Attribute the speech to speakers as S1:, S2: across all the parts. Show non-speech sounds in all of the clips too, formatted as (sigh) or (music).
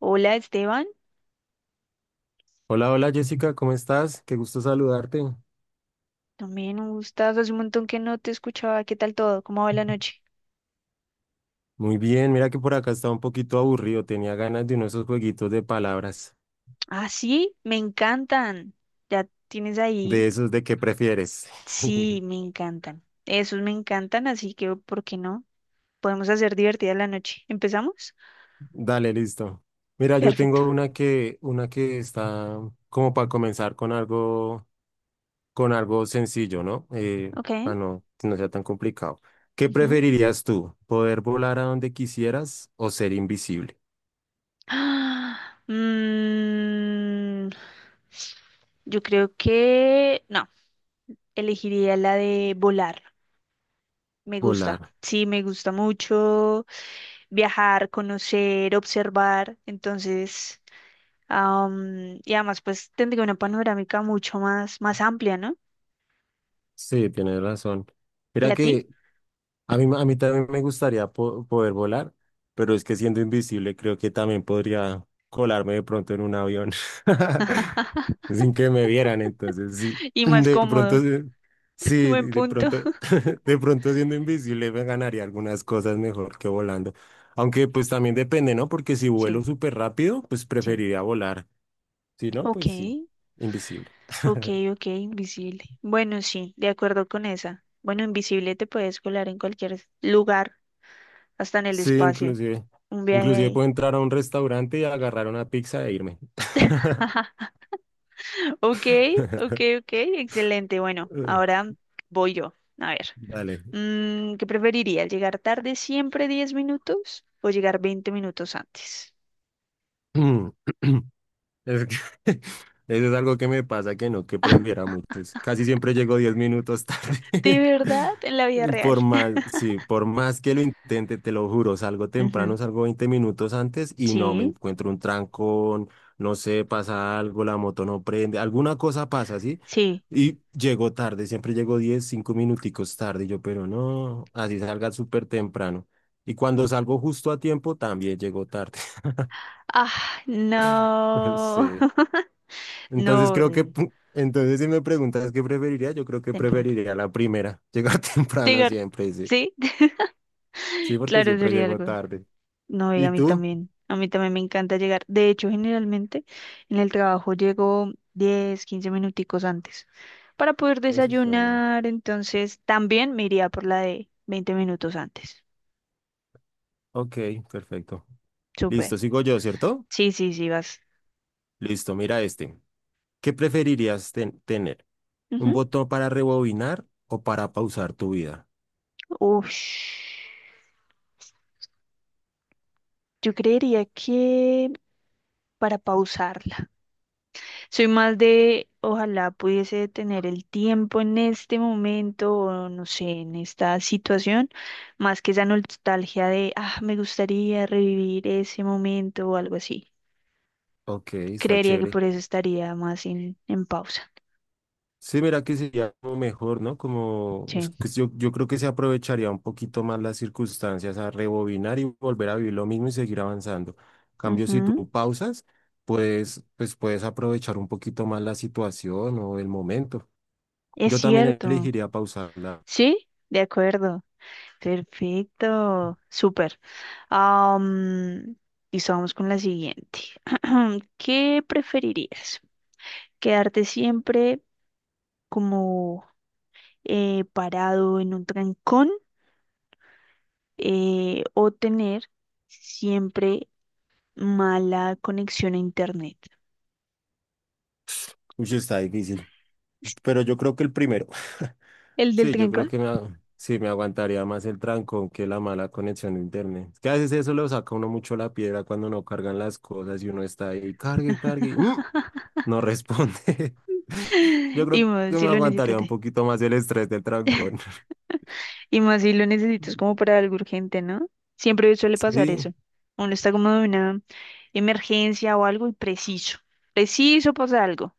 S1: Hola Esteban,
S2: Hola, hola Jessica, ¿cómo estás? Qué gusto saludarte.
S1: también un gustazo, hace un montón que no te escuchaba. ¿Qué tal todo? ¿Cómo va la noche?
S2: Muy bien, mira que por acá estaba un poquito aburrido, tenía ganas de uno de esos jueguitos de palabras,
S1: Ah, sí, me encantan, ya tienes ahí,
S2: de esos de qué prefieres.
S1: sí,
S2: (laughs)
S1: me encantan, esos me encantan, así que, ¿por qué no? Podemos hacer divertida la noche, ¿empezamos?
S2: Dale, listo. Mira, yo
S1: Perfecto,
S2: tengo una que está como para comenzar con algo sencillo, ¿no?
S1: ok.
S2: Para no, que no sea tan complicado. ¿Qué
S1: Ujú. (gasps)
S2: preferirías tú? ¿Poder volar a donde quisieras o ser invisible?
S1: Ah, mm, yo creo que, no, elegiría la de volar, me gusta,
S2: Volar.
S1: sí, me gusta mucho. Viajar, conocer, observar. Entonces, y además, pues tendría una panorámica mucho más, más amplia, ¿no?
S2: Sí, tienes razón.
S1: Y
S2: Mira
S1: a ti,
S2: que a mí también me gustaría poder volar, pero es que siendo invisible creo que también podría colarme de pronto en un avión (laughs) sin que me vieran. Entonces, sí,
S1: (laughs)
S2: (clears throat)
S1: y más
S2: de pronto,
S1: cómodo.
S2: sí,
S1: (laughs)
S2: sí,
S1: Buen
S2: de
S1: punto.
S2: pronto, (laughs) de pronto siendo invisible me ganaría algunas cosas mejor que volando. Aunque pues también depende, ¿no? Porque si vuelo
S1: Sí,
S2: súper rápido, pues
S1: sí.
S2: preferiría volar. Si no,
S1: Ok,
S2: pues sí, invisible.
S1: ok,
S2: (laughs)
S1: ok, invisible. Bueno, sí, de acuerdo con esa. Bueno, invisible te puedes colar en cualquier lugar, hasta en el
S2: Sí,
S1: espacio.
S2: inclusive.
S1: Un viaje
S2: Inclusive
S1: ahí.
S2: puedo entrar a un restaurante y agarrar una pizza e irme.
S1: (laughs) Ok, ok,
S2: (laughs)
S1: ok, excelente. Bueno, ahora voy yo. A ver.
S2: Dale.
S1: ¿Qué preferiría? ¿Llegar tarde siempre 10 minutos o llegar 20 minutos antes?
S2: (clears throat) Es que (laughs) eso es algo que me pasa que no, que prefiero a muchos. Casi siempre llego 10 minutos
S1: ¿De
S2: tarde.
S1: verdad? En la vida
S2: (laughs)
S1: real.
S2: Por más,
S1: (laughs)
S2: sí, por más que lo intente, te lo juro, salgo
S1: Ujú.
S2: temprano, salgo 20 minutos antes y no me
S1: Sí,
S2: encuentro un trancón, no sé, pasa algo, la moto no prende, alguna cosa pasa, ¿sí?
S1: sí.
S2: Y llego tarde, siempre llego 10 5 minuticos tarde, y yo, pero no, así salga súper temprano. Y cuando salgo justo a tiempo, también llego tarde.
S1: Ah,
S2: (laughs)
S1: no.
S2: Sí.
S1: (laughs) No,
S2: Entonces creo que,
S1: horrible.
S2: entonces si me preguntas qué preferiría, yo creo que
S1: Temprano.
S2: preferiría la primera, llegar (laughs) temprano
S1: Llegar.
S2: siempre, sí.
S1: Sí,
S2: Sí,
S1: (laughs)
S2: porque
S1: claro,
S2: siempre
S1: sería
S2: llego
S1: algo.
S2: tarde.
S1: No, y
S2: ¿Y
S1: a mí
S2: tú?
S1: también. A mí también me encanta llegar. De hecho, generalmente en el trabajo llego 10, 15 minuticos antes para poder
S2: Eso está bien.
S1: desayunar. Entonces, también me iría por la de 20 minutos antes.
S2: Ok, perfecto.
S1: Súper.
S2: Listo, sigo yo, ¿cierto?
S1: Sí, sí, sí, vas.
S2: Listo, mira este. ¿Qué preferirías tener? ¿Un
S1: Ujú.
S2: botón para rebobinar o para pausar tu vida?
S1: Ush. Yo creería que para pausarla. Soy más de, ojalá pudiese tener el tiempo en este momento, o no sé, en esta situación, más que esa nostalgia de, ah, me gustaría revivir ese momento o algo así.
S2: Ok, está
S1: Creería que
S2: chévere.
S1: por eso estaría más en pausa.
S2: Sí, mira que sería como mejor, ¿no? Como es
S1: Sí.
S2: que yo creo que se aprovecharía un poquito más las circunstancias a rebobinar y volver a vivir lo mismo y seguir avanzando. Cambio, si tú
S1: Ujú.
S2: pausas, pues puedes aprovechar un poquito más la situación o el momento.
S1: Es
S2: Yo también
S1: cierto.
S2: elegiría pausarla.
S1: Sí, de acuerdo. Perfecto. Súper. Am, listo, vamos con la siguiente. (clears throat) ¿Qué preferirías? ¿Quedarte siempre como parado en un trancón, o tener siempre mala conexión a internet?
S2: Uy, está difícil,
S1: (laughs)
S2: pero yo creo que el primero. (laughs)
S1: El del
S2: Sí, yo creo
S1: trancón.
S2: que sí, me aguantaría más el trancón que la mala conexión de internet. Es que a veces eso lo saca uno mucho la piedra cuando no cargan las cosas y uno está ahí, cargue, cargue, no responde. (laughs) Yo
S1: (laughs) Y
S2: creo que
S1: más si
S2: me
S1: lo necesitas.
S2: aguantaría un poquito más el estrés del trancón. (laughs)
S1: Y más si lo necesitas como para algo urgente, ¿no? Siempre suele pasar
S2: Sí,
S1: eso. Uno está como de una emergencia o algo y preciso. Preciso pasa algo.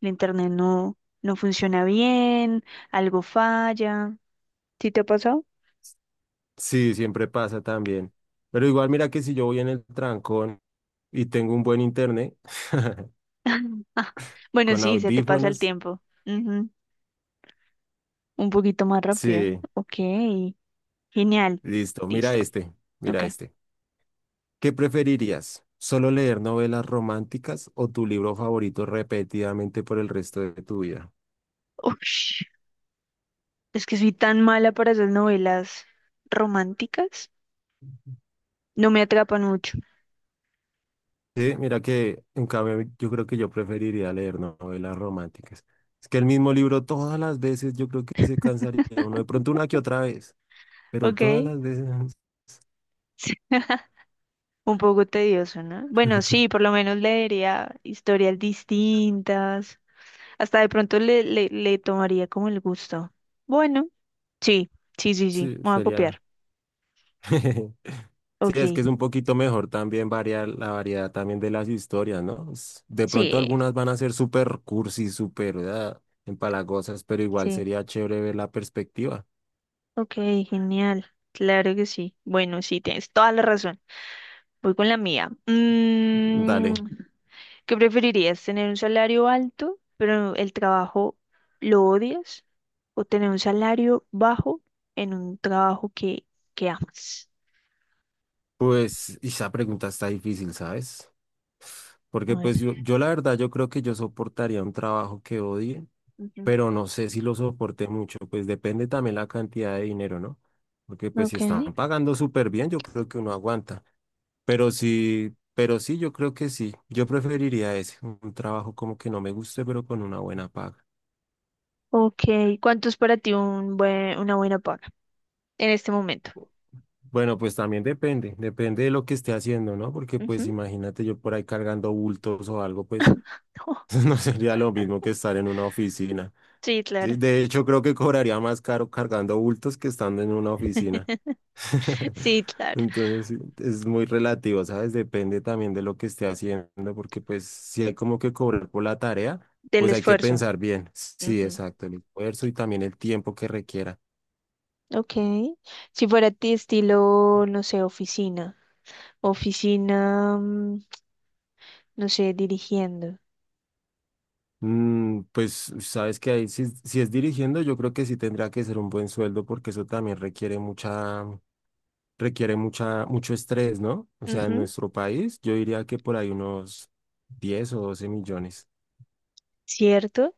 S1: El internet no funciona bien, algo falla. ¿Sí te ha pasado?
S2: sí, siempre pasa también. Pero igual mira que si yo voy en el trancón y tengo un buen internet (laughs)
S1: (laughs) Ah, bueno,
S2: con
S1: sí, se te pasa el
S2: audífonos,
S1: tiempo. Ujú. Un poquito más rápido.
S2: sí,
S1: Ok, genial.
S2: listo, mira
S1: Listo.
S2: este,
S1: Ok.
S2: mira este. ¿Qué preferirías? ¿Solo leer novelas románticas o tu libro favorito repetidamente por el resto de tu vida?
S1: Ush, es que soy tan mala para esas novelas románticas. No me atrapan mucho.
S2: Sí, mira que en cambio yo creo que yo preferiría leer novelas románticas. Es que el mismo libro todas las veces yo creo que se cansaría uno, de pronto una que otra vez, pero todas
S1: Ok.
S2: las veces
S1: (laughs) Un poco tedioso, ¿no? Bueno, sí, por
S2: (laughs)
S1: lo menos leería historias distintas. Hasta de pronto le tomaría como el gusto. Bueno, sí, sí, sí, sí.
S2: sí,
S1: Me voy a
S2: sería
S1: copiar.
S2: (laughs) Sí, es que
S1: Ok.
S2: es un poquito mejor también variar la variedad también de las historias, ¿no? De pronto
S1: Sí,
S2: algunas van a ser súper cursi, súper ah, empalagosas, pero igual
S1: sí.
S2: sería chévere ver la perspectiva.
S1: Ok, genial. Claro que sí. Bueno, sí, tienes toda la razón. Voy con la mía.
S2: Dale,
S1: ¿Qué preferirías? ¿Tener un salario alto, pero el trabajo lo odias? ¿O tener un salario bajo en un trabajo que amas?
S2: pues esa pregunta está difícil, ¿sabes?
S1: A
S2: Porque
S1: ver.
S2: pues yo la verdad, yo creo que yo soportaría un trabajo que odie,
S1: Ujú.
S2: pero no sé si lo soporte mucho, pues depende también la cantidad de dinero, ¿no? Porque pues si
S1: Ok.
S2: están pagando súper bien, yo creo que uno aguanta. Pero sí, yo creo que sí. Yo preferiría ese, un trabajo como que no me guste, pero con una buena paga.
S1: Ok. ¿Cuánto es para ti un buen, una buena paga en este momento?
S2: Bueno, pues también depende, depende de lo que esté haciendo, ¿no? Porque pues
S1: Ujú.
S2: imagínate yo por ahí cargando bultos o algo, pues
S1: (laughs)
S2: (laughs) no sería lo mismo que estar en una oficina.
S1: Sí,
S2: Sí,
S1: claro.
S2: de hecho, creo que cobraría más caro cargando bultos que estando en una oficina.
S1: (laughs)
S2: (laughs)
S1: Sí, claro,
S2: Entonces, sí, es muy relativo, ¿sabes? Depende también de lo que esté haciendo, porque pues si hay como que cobrar por la tarea,
S1: del
S2: pues hay que
S1: esfuerzo.
S2: pensar bien. Sí,
S1: Ujú.
S2: exacto, el esfuerzo y también el tiempo que requiera.
S1: Ok. Si fuera ti estilo, no sé, oficina. Oficina, no sé, dirigiendo.
S2: Mm, pues sabes que ahí si, si es dirigiendo, yo creo que sí tendrá que ser un buen sueldo, porque eso también requiere mucha, mucho estrés, ¿no? O sea, en
S1: Ujú.
S2: nuestro país yo diría que por ahí unos 10 o 12 millones.
S1: ¿Cierto?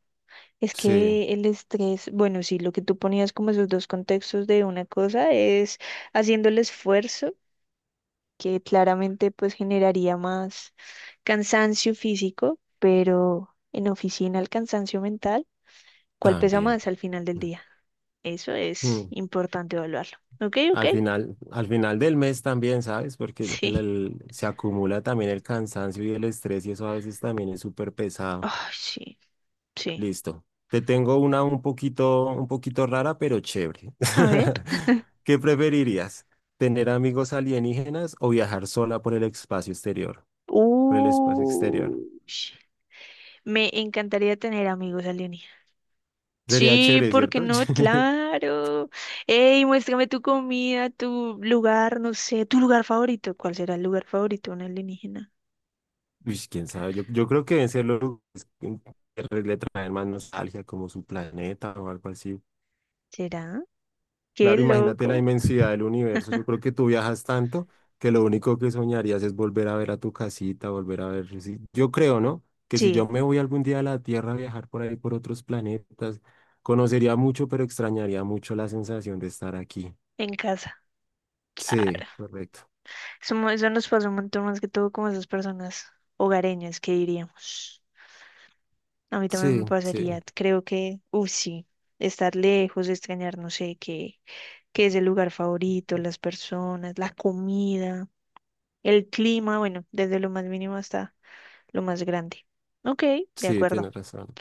S1: Es
S2: Sí,
S1: que el estrés, bueno, sí, lo que tú ponías como esos dos contextos de una cosa es haciendo el esfuerzo, que claramente pues generaría más cansancio físico, pero en oficina el cansancio mental, ¿cuál pesa
S2: también.
S1: más al final del día? Eso es
S2: Mm.
S1: importante evaluarlo. ¿Ok? ¿Ok? (laughs)
S2: Al final del mes también, ¿sabes? Porque
S1: Sí.
S2: se acumula también el cansancio y el estrés y eso a veces también es súper pesado.
S1: Ay, sí, sí.
S2: Listo. Te tengo una un poquito rara, pero chévere.
S1: A ver.
S2: (laughs) ¿Qué preferirías? ¿Tener amigos alienígenas o viajar sola por el espacio exterior? Por el espacio exterior.
S1: Uy, me encantaría tener amigos alienígenas.
S2: Sería
S1: Sí,
S2: chévere,
S1: ¿por qué
S2: ¿cierto?
S1: no?
S2: (laughs)
S1: Claro. Ey, muéstrame tu comida, tu lugar, no sé, tu lugar favorito. ¿Cuál será el lugar favorito de un alienígena?
S2: Uish, quién sabe. Yo creo que deben ser los lugares que le traen más nostalgia, como su planeta o algo así.
S1: ¿Será? Qué
S2: Claro, imagínate la
S1: loco.
S2: inmensidad del universo. Yo creo que tú viajas tanto que lo único que soñarías es volver a ver a tu casita, volver a ver. Sí. Yo creo, ¿no? Que si yo
S1: Sí,
S2: me voy algún día a la Tierra a viajar por ahí, por otros planetas, conocería mucho, pero extrañaría mucho la sensación de estar aquí.
S1: en casa.
S2: Sí,
S1: Claro.
S2: correcto.
S1: Eso, eso nos pasa un montón más que todo como esas personas hogareñas que diríamos. A mí también me
S2: Sí, sí,
S1: pasaría, creo que, uff, sí, estar lejos, extrañar, no sé, qué, qué es el lugar favorito, las personas, la comida, el clima, bueno, desde lo más mínimo hasta lo más grande. Ok, de
S2: sí,
S1: acuerdo,
S2: tienes razón.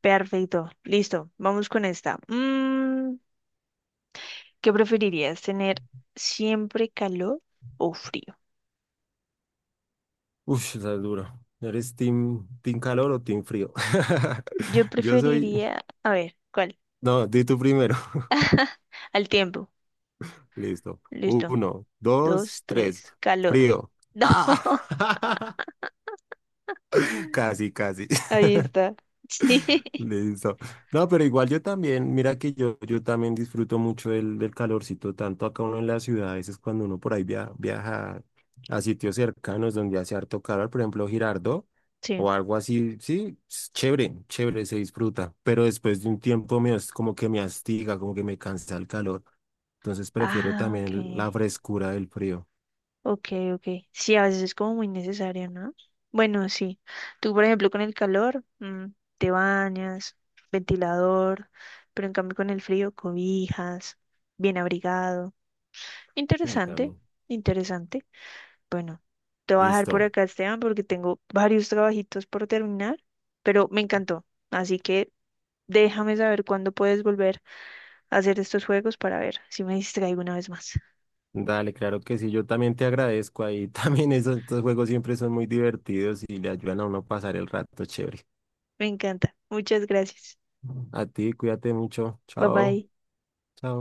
S1: perfecto, listo, vamos con esta. ¿Qué preferirías, tener siempre calor o frío?
S2: Uf, está duro. ¿Eres team, team calor o team frío?
S1: Yo
S2: (laughs) Yo soy...
S1: preferiría, a ver, ¿cuál?
S2: No, di tú primero.
S1: (laughs) Al tiempo,
S2: (laughs) Listo.
S1: listo,
S2: Uno,
S1: dos,
S2: dos, tres.
S1: tres, calor.
S2: Frío.
S1: (laughs) No.
S2: Ah, (laughs) casi, casi.
S1: Ahí está. Sí. (laughs)
S2: Listo. No, pero igual yo también, mira que yo también disfruto mucho del, del calorcito, tanto acá uno en la ciudad, a veces cuando uno por ahí viaja a sitios cercanos donde hace harto calor, por ejemplo, Girardot
S1: Sí.
S2: o algo así, sí, es chévere, chévere, se disfruta, pero después de un tiempo como que me astiga, como que me cansa el calor, entonces prefiero
S1: Ah, ok.
S2: también la frescura del frío.
S1: Ok, ok. Sí, a veces es como muy necesario, ¿no? Bueno, sí. Tú, por ejemplo, con el calor, te bañas, ventilador, pero en cambio con el frío, cobijas, bien abrigado.
S2: Sí,
S1: Interesante,
S2: también.
S1: interesante. Bueno, te voy a dejar por
S2: Listo.
S1: acá, Esteban, porque tengo varios trabajitos por terminar, pero me encantó. Así que déjame saber cuándo puedes volver. Hacer estos juegos para ver si me distraigo una vez más.
S2: Dale, claro que sí, yo también te agradezco ahí. (laughs) También esos, estos juegos siempre son muy divertidos y le ayudan a uno a pasar el rato chévere.
S1: Me encanta. Muchas gracias.
S2: A ti, cuídate mucho.
S1: Bye
S2: Chao,
S1: bye.
S2: chao.